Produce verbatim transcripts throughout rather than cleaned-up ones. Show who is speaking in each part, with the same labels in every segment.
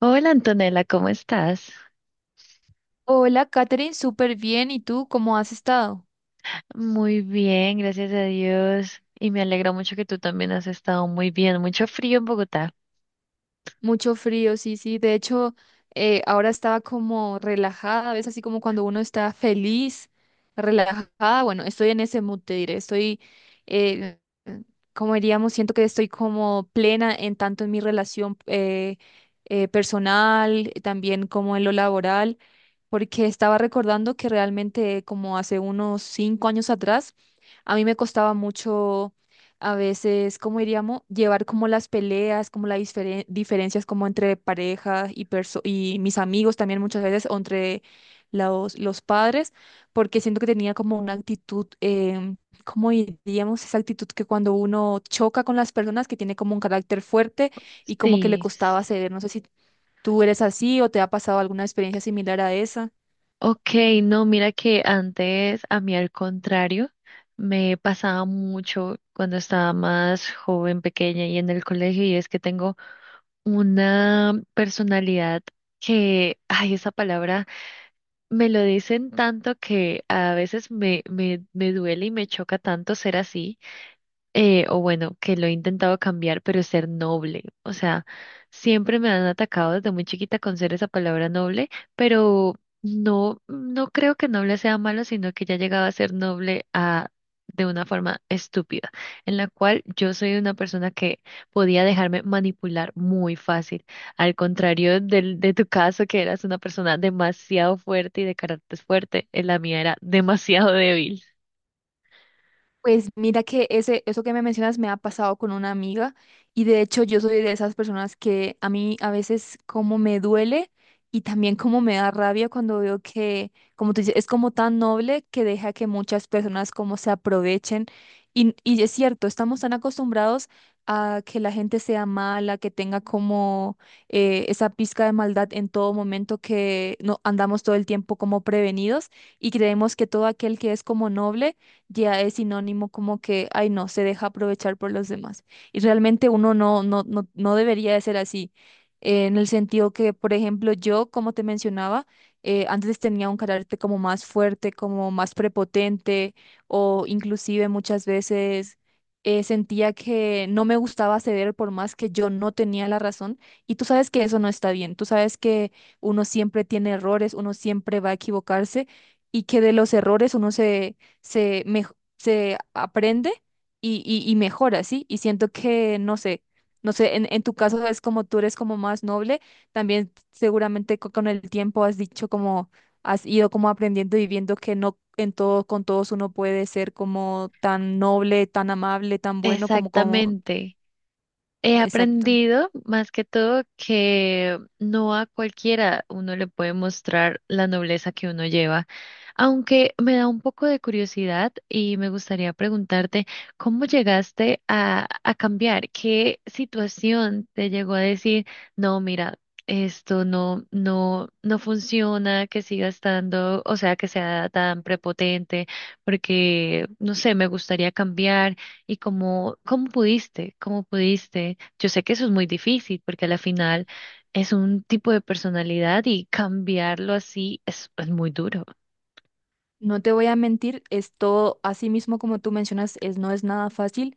Speaker 1: Hola Antonella, ¿cómo estás?
Speaker 2: Hola, Katherine, súper bien. ¿Y tú cómo has estado?
Speaker 1: Muy bien, gracias a Dios. Y me alegra mucho que tú también has estado muy bien. Mucho frío en Bogotá.
Speaker 2: Mucho frío, sí, sí. De hecho, eh, ahora estaba como relajada, ¿ves? Así como cuando uno está feliz, relajada. Bueno, estoy en ese mood, te diré. Estoy, eh, como diríamos, siento que estoy como plena en tanto en mi relación eh, eh, personal, también como en lo laboral, porque estaba recordando que realmente como hace unos cinco años atrás, a mí me costaba mucho. A veces, ¿cómo diríamos? Llevar como las peleas, como las diferen- diferencias como entre pareja y, perso- y mis amigos también muchas veces, o entre los, los padres, porque siento que tenía como una actitud, em, ¿cómo diríamos? Esa actitud que cuando uno choca con las personas, que tiene como un carácter fuerte y como que le
Speaker 1: Sí.
Speaker 2: costaba ceder. No sé si tú eres así o te ha pasado alguna experiencia similar a esa.
Speaker 1: Ok, no, mira que antes a mí al contrario, me pasaba mucho cuando estaba más joven, pequeña y en el colegio, y es que tengo una personalidad que, ay, esa palabra me lo dicen tanto que a veces me, me, me duele y me choca tanto ser así eh, o bueno, que lo he intentado cambiar, pero ser noble. O sea, siempre me han atacado desde muy chiquita con ser esa palabra noble, pero no, no creo que noble sea malo, sino que ya llegaba a ser noble a, de una forma estúpida, en la cual yo soy una persona que podía dejarme manipular muy fácil, al contrario del, de tu caso, que eras una persona demasiado fuerte y de carácter fuerte. Eh, la mía era demasiado débil.
Speaker 2: Pues mira que ese, eso que me mencionas me ha pasado con una amiga y de hecho yo soy de esas personas que a mí a veces como me duele y también como me da rabia cuando veo que, como tú dices, es como tan noble que deja que muchas personas como se aprovechen y, y es cierto, estamos tan acostumbrados a que la gente sea mala, que tenga como eh, esa pizca de maldad en todo momento que no andamos todo el tiempo como prevenidos y creemos que todo aquel que es como noble ya es sinónimo como que, ay no, se deja aprovechar por los demás. Y realmente uno no, no, no, no debería de ser así, eh, en el sentido que, por ejemplo, yo, como te mencionaba, eh, antes tenía un carácter como más fuerte, como más prepotente, o inclusive muchas veces eh, sentía que no me gustaba ceder por más que yo no tenía la razón. Y tú sabes que eso no está bien, tú sabes que uno siempre tiene errores, uno siempre va a equivocarse y que de los errores uno se se, mej- se aprende y, y, y mejora, ¿sí? Y siento que, no sé, no sé, en, en tu caso es como tú eres como más noble, también seguramente co- con el tiempo has dicho como, has ido como aprendiendo y viendo que no en todo, con todos uno puede ser como tan noble, tan amable, tan bueno como, como,
Speaker 1: Exactamente. He
Speaker 2: exacto.
Speaker 1: aprendido más que todo que no a cualquiera uno le puede mostrar la nobleza que uno lleva, aunque me da un poco de curiosidad y me gustaría preguntarte cómo llegaste a, a cambiar, qué situación te llegó a decir, no, mira, esto no, no, no funciona, que siga estando, o sea, que sea tan prepotente, porque, no sé, me gustaría cambiar. ¿Y cómo, cómo pudiste? ¿Cómo pudiste? Yo sé que eso es muy difícil porque a la final es un tipo de personalidad y cambiarlo así es, es muy duro.
Speaker 2: No te voy a mentir, esto, así mismo como tú mencionas, es, no es nada fácil.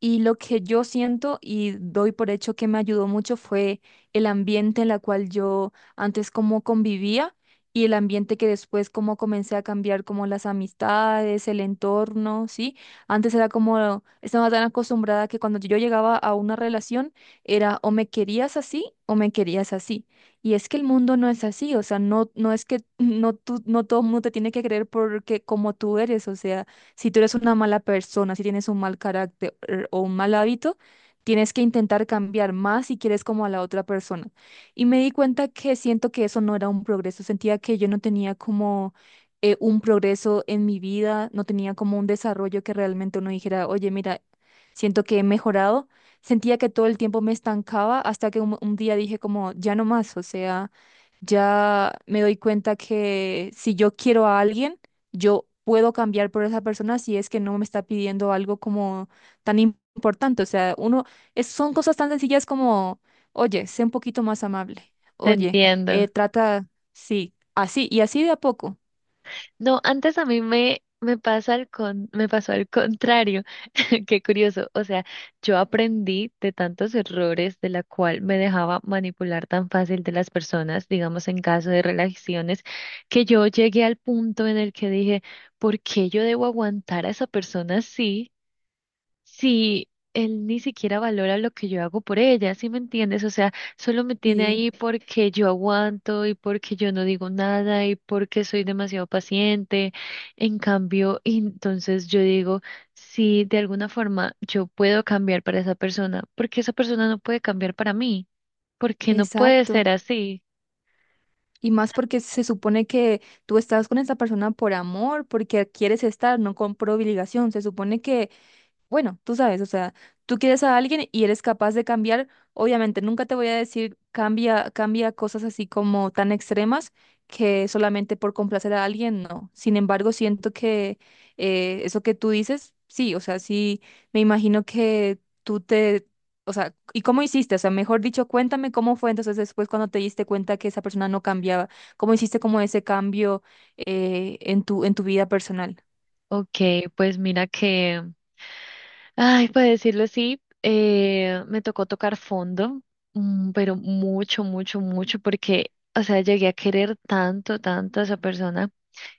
Speaker 2: Y lo que yo siento y doy por hecho que me ayudó mucho fue el ambiente en la cual yo antes como convivía y el ambiente que después como comencé a cambiar como las amistades, el entorno, ¿sí? Antes era como, estaba tan acostumbrada que cuando yo llegaba a una relación era o me querías así o me querías así. Y es que el mundo no es así, o sea, no, no es que no, tú, no todo el mundo te tiene que creer porque como tú eres, o sea. Si tú eres una mala persona, si tienes un mal carácter er, o un mal hábito, tienes que intentar cambiar más si quieres como a la otra persona. Y me di cuenta que siento que eso no era un progreso, sentía que yo no tenía como eh, un progreso en mi vida, no tenía como un desarrollo que realmente uno dijera, oye, mira, siento que he mejorado. Sentía que todo el tiempo me estancaba hasta que un, un día dije como, ya no más, o sea, ya me doy cuenta que si yo quiero a alguien, yo puedo cambiar por esa persona si es que no me está pidiendo algo como tan im- importante. O sea, uno, es- son cosas tan sencillas como, oye, sé un poquito más amable.
Speaker 1: Te
Speaker 2: Oye, eh,
Speaker 1: entiendo.
Speaker 2: trata, sí, así, y así de a poco.
Speaker 1: No, antes a mí me, me pasa al con, me pasó al contrario. Qué curioso. O sea, yo aprendí de tantos errores de la cual me dejaba manipular tan fácil de las personas, digamos en caso de relaciones, que yo llegué al punto en el que dije, ¿por qué yo debo aguantar a esa persona así? Si él ni siquiera valora lo que yo hago por ella, ¿sí me entiendes? O sea, solo me tiene
Speaker 2: Sí,
Speaker 1: ahí porque yo aguanto y porque yo no digo nada y porque soy demasiado paciente. En cambio, y entonces yo digo, si de alguna forma yo puedo cambiar para esa persona, ¿porque esa persona no puede cambiar para mí? ¿Porque no puede
Speaker 2: exacto.
Speaker 1: ser así?
Speaker 2: Y más porque se supone que tú estás con esa persona por amor, porque quieres estar, no con- por obligación. Se supone que Bueno, tú sabes, o sea, tú quieres a alguien y eres capaz de cambiar. Obviamente, nunca te voy a decir cambia, cambia cosas así como tan extremas que solamente por complacer a alguien, no. Sin embargo, siento que eh, eso que tú dices, sí, o sea, sí, me imagino que tú te, o sea, ¿y cómo hiciste? O sea, mejor dicho, cuéntame cómo fue entonces después cuando te diste cuenta que esa persona no cambiaba, cómo hiciste como ese cambio eh, en tu, en tu vida personal.
Speaker 1: Ok, pues mira que, ay, para decirlo así, eh, me tocó tocar fondo, mm, pero mucho, mucho, mucho, porque, o sea, llegué a querer tanto, tanto a esa persona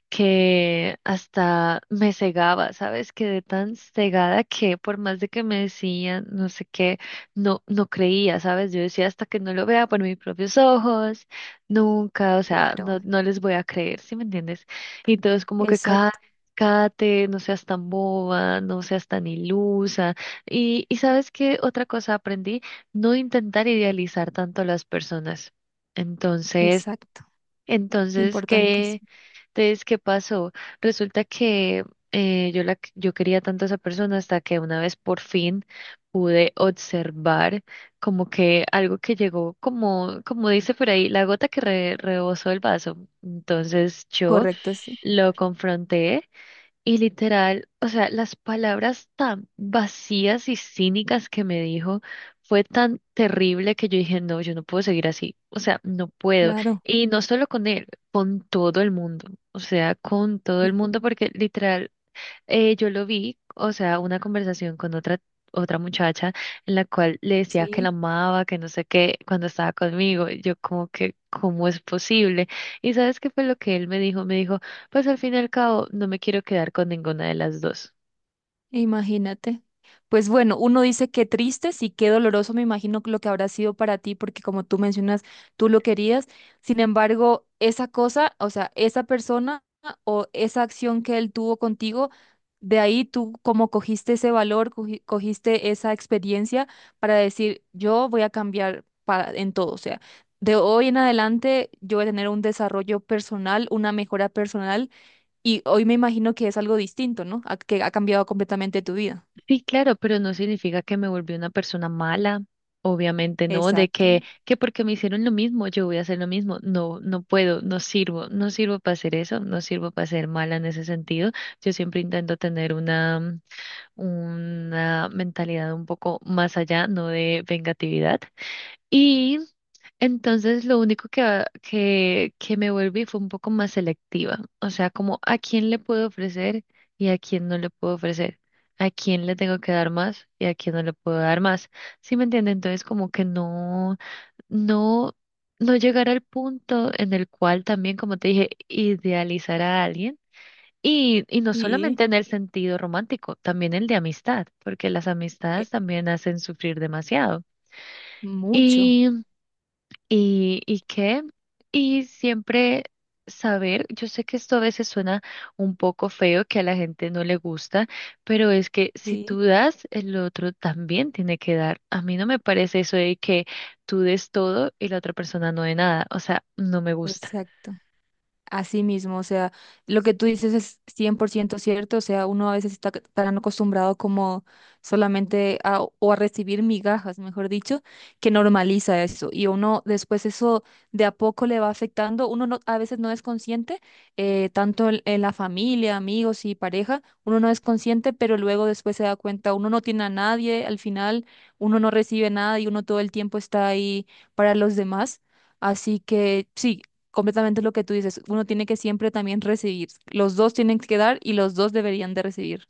Speaker 1: que hasta me cegaba, ¿sabes? Quedé tan cegada que por más de que me decían no sé qué, no, no creía, ¿sabes? Yo decía hasta que no lo vea por mis propios ojos, nunca, o sea,
Speaker 2: Claro,
Speaker 1: no, no les voy a creer, ¿sí me entiendes? Y todos como que cada.
Speaker 2: exacto,
Speaker 1: Cállate, no seas tan boba, no seas tan ilusa. Y, y sabes qué otra cosa aprendí, no intentar idealizar tanto a las personas. Entonces,
Speaker 2: exacto.
Speaker 1: entonces, ¿qué?
Speaker 2: Importantísimo.
Speaker 1: Entonces, ¿qué pasó? Resulta que eh, yo, la, yo quería tanto a esa persona hasta que una vez por fin pude observar como que algo que llegó, como, como dice por ahí, la gota que re- rebosó el vaso. Entonces yo
Speaker 2: Correcto, sí.
Speaker 1: lo confronté y literal, o sea, las palabras tan vacías y cínicas que me dijo fue tan terrible que yo dije, no, yo no puedo seguir así, o sea, no puedo.
Speaker 2: Claro,
Speaker 1: Y no solo con él, con todo el mundo, o sea, con todo
Speaker 2: sí,
Speaker 1: el mundo, porque literal, eh, yo lo vi, o sea, una conversación con otra, otra, muchacha en la cual le decía que la
Speaker 2: sí.
Speaker 1: amaba, que no sé qué, cuando estaba conmigo. Y yo como que, ¿cómo es posible? ¿Y sabes qué fue lo que él me dijo? Me dijo, pues al fin y al cabo, no me quiero quedar con ninguna de las dos.
Speaker 2: Imagínate. Pues bueno, uno dice qué tristes y qué doloroso, me imagino lo que habrá sido para ti, porque como tú mencionas, tú lo querías. Sin embargo, esa cosa, o sea, esa persona o esa acción que él tuvo contigo, de ahí tú como cogiste ese valor, cogi- cogiste esa experiencia para decir, yo voy a cambiar para, en todo. O sea, de hoy en adelante yo voy a tener un desarrollo personal, una mejora personal y hoy me imagino que es algo distinto, ¿no? A- que ha cambiado completamente tu vida.
Speaker 1: Sí, claro, pero no significa que me volví una persona mala. Obviamente no, de que,
Speaker 2: Exacto.
Speaker 1: que porque me hicieron lo mismo, yo voy a hacer lo mismo. No, no puedo, no sirvo, no sirvo para hacer eso, no sirvo para ser mala en ese sentido. Yo siempre intento tener una una mentalidad un poco más allá, no de vengatividad. Y entonces lo único que, ah, que, que me volví fue un poco más selectiva, o sea, como a quién le puedo ofrecer y a quién no le puedo ofrecer, a quién le tengo que dar más y a quién no le puedo dar más. ¿Sí me entiende? Entonces como que no, no, no llegar al punto en el cual también, como te dije, idealizar a alguien y, y no
Speaker 2: Sí,
Speaker 1: solamente en el sentido romántico, también el de amistad, porque las
Speaker 2: eh,
Speaker 1: amistades también hacen sufrir demasiado.
Speaker 2: mucho.
Speaker 1: Y, y, y qué, y siempre saber, yo sé que esto a veces suena un poco feo, que a la gente no le gusta, pero es que si
Speaker 2: Sí,
Speaker 1: tú das, el otro también tiene que dar. A mí no me parece eso de que tú des todo y la otra persona no dé nada, o sea, no me gusta.
Speaker 2: exacto. Así mismo, o sea, lo que tú dices es cien por ciento cierto, o sea, uno a veces está c- tan acostumbrado como solamente a, o a recibir migajas, mejor dicho, que normaliza eso y uno después eso de a poco le va afectando, uno no, a veces no es consciente, eh, tanto en, en la familia, amigos y pareja, uno no es consciente, pero luego después se da cuenta, uno no tiene a nadie, al final uno no recibe nada y uno todo el tiempo está ahí para los demás. Así que sí, completamente lo que tú dices. Uno tiene que siempre también recibir. Los dos tienen que dar y los dos deberían de recibir.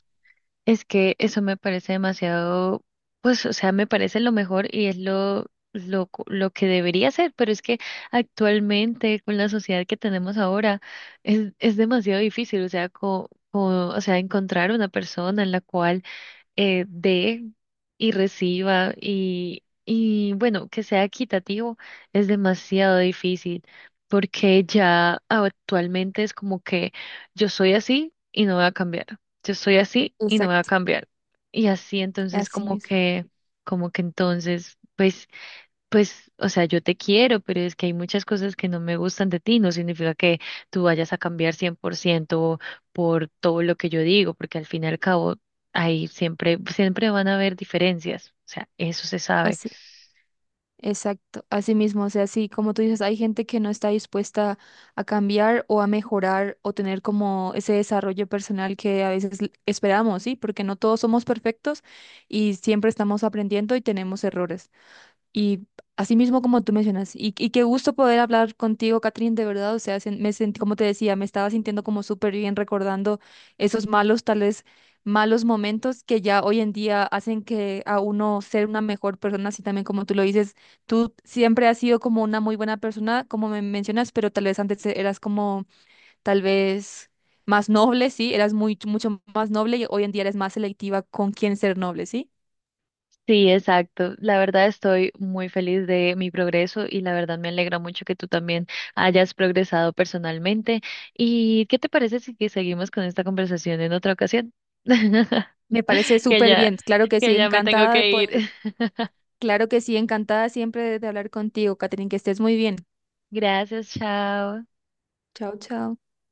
Speaker 1: Es que eso me parece demasiado, pues, o sea, me parece lo mejor y es lo, lo, co- lo que debería ser, pero es que actualmente con la sociedad que tenemos ahora es, es demasiado difícil, o sea, co- co- o sea, encontrar una persona en la cual, eh, dé y reciba y, y bueno, que sea equitativo, es demasiado difícil porque ya actualmente es como que yo soy así y no voy a cambiar, yo soy así y no voy a
Speaker 2: Exacto,
Speaker 1: cambiar. Y así entonces
Speaker 2: así
Speaker 1: como
Speaker 2: mismo,
Speaker 1: que, como que, entonces, pues pues, o sea, yo te quiero, pero es que hay muchas cosas que no me gustan de ti. No significa que tú vayas a cambiar cien por ciento por ciento por todo lo que yo digo, porque al fin y al cabo, ahí siempre, siempre van a haber diferencias. O sea, eso se sabe.
Speaker 2: así, exacto, así mismo, o sea, así como tú dices, hay gente que no está dispuesta a cambiar o a mejorar o tener como ese desarrollo personal que a veces l- esperamos, ¿sí? Porque no todos somos perfectos y siempre estamos aprendiendo y tenemos errores. Y así mismo como tú mencionas, y, y qué gusto poder hablar contigo, Catherine, de verdad, o sea, sen- me sentí, como te decía, me estaba sintiendo como súper bien recordando esos malos, tal vez malos momentos que ya hoy en día hacen que a uno ser una mejor persona, así también como tú lo dices, tú siempre has sido como una muy buena persona, como me mencionas, pero tal vez antes eras como, tal vez más noble, sí, eras muy, mucho más noble y hoy en día eres más selectiva con quién ser noble, sí.
Speaker 1: Sí, exacto. La verdad estoy muy feliz de mi progreso y la verdad me alegra mucho que tú también hayas progresado personalmente. ¿Y qué te parece si que seguimos con esta conversación en otra ocasión?
Speaker 2: Me parece
Speaker 1: Que
Speaker 2: súper
Speaker 1: ya,
Speaker 2: bien, claro que sí,
Speaker 1: que ya me tengo
Speaker 2: encantada de
Speaker 1: que
Speaker 2: poder.
Speaker 1: ir.
Speaker 2: Claro que sí, encantada siempre de hablar contigo, Catherine, que estés muy bien.
Speaker 1: Gracias, chao.
Speaker 2: Chao, chao.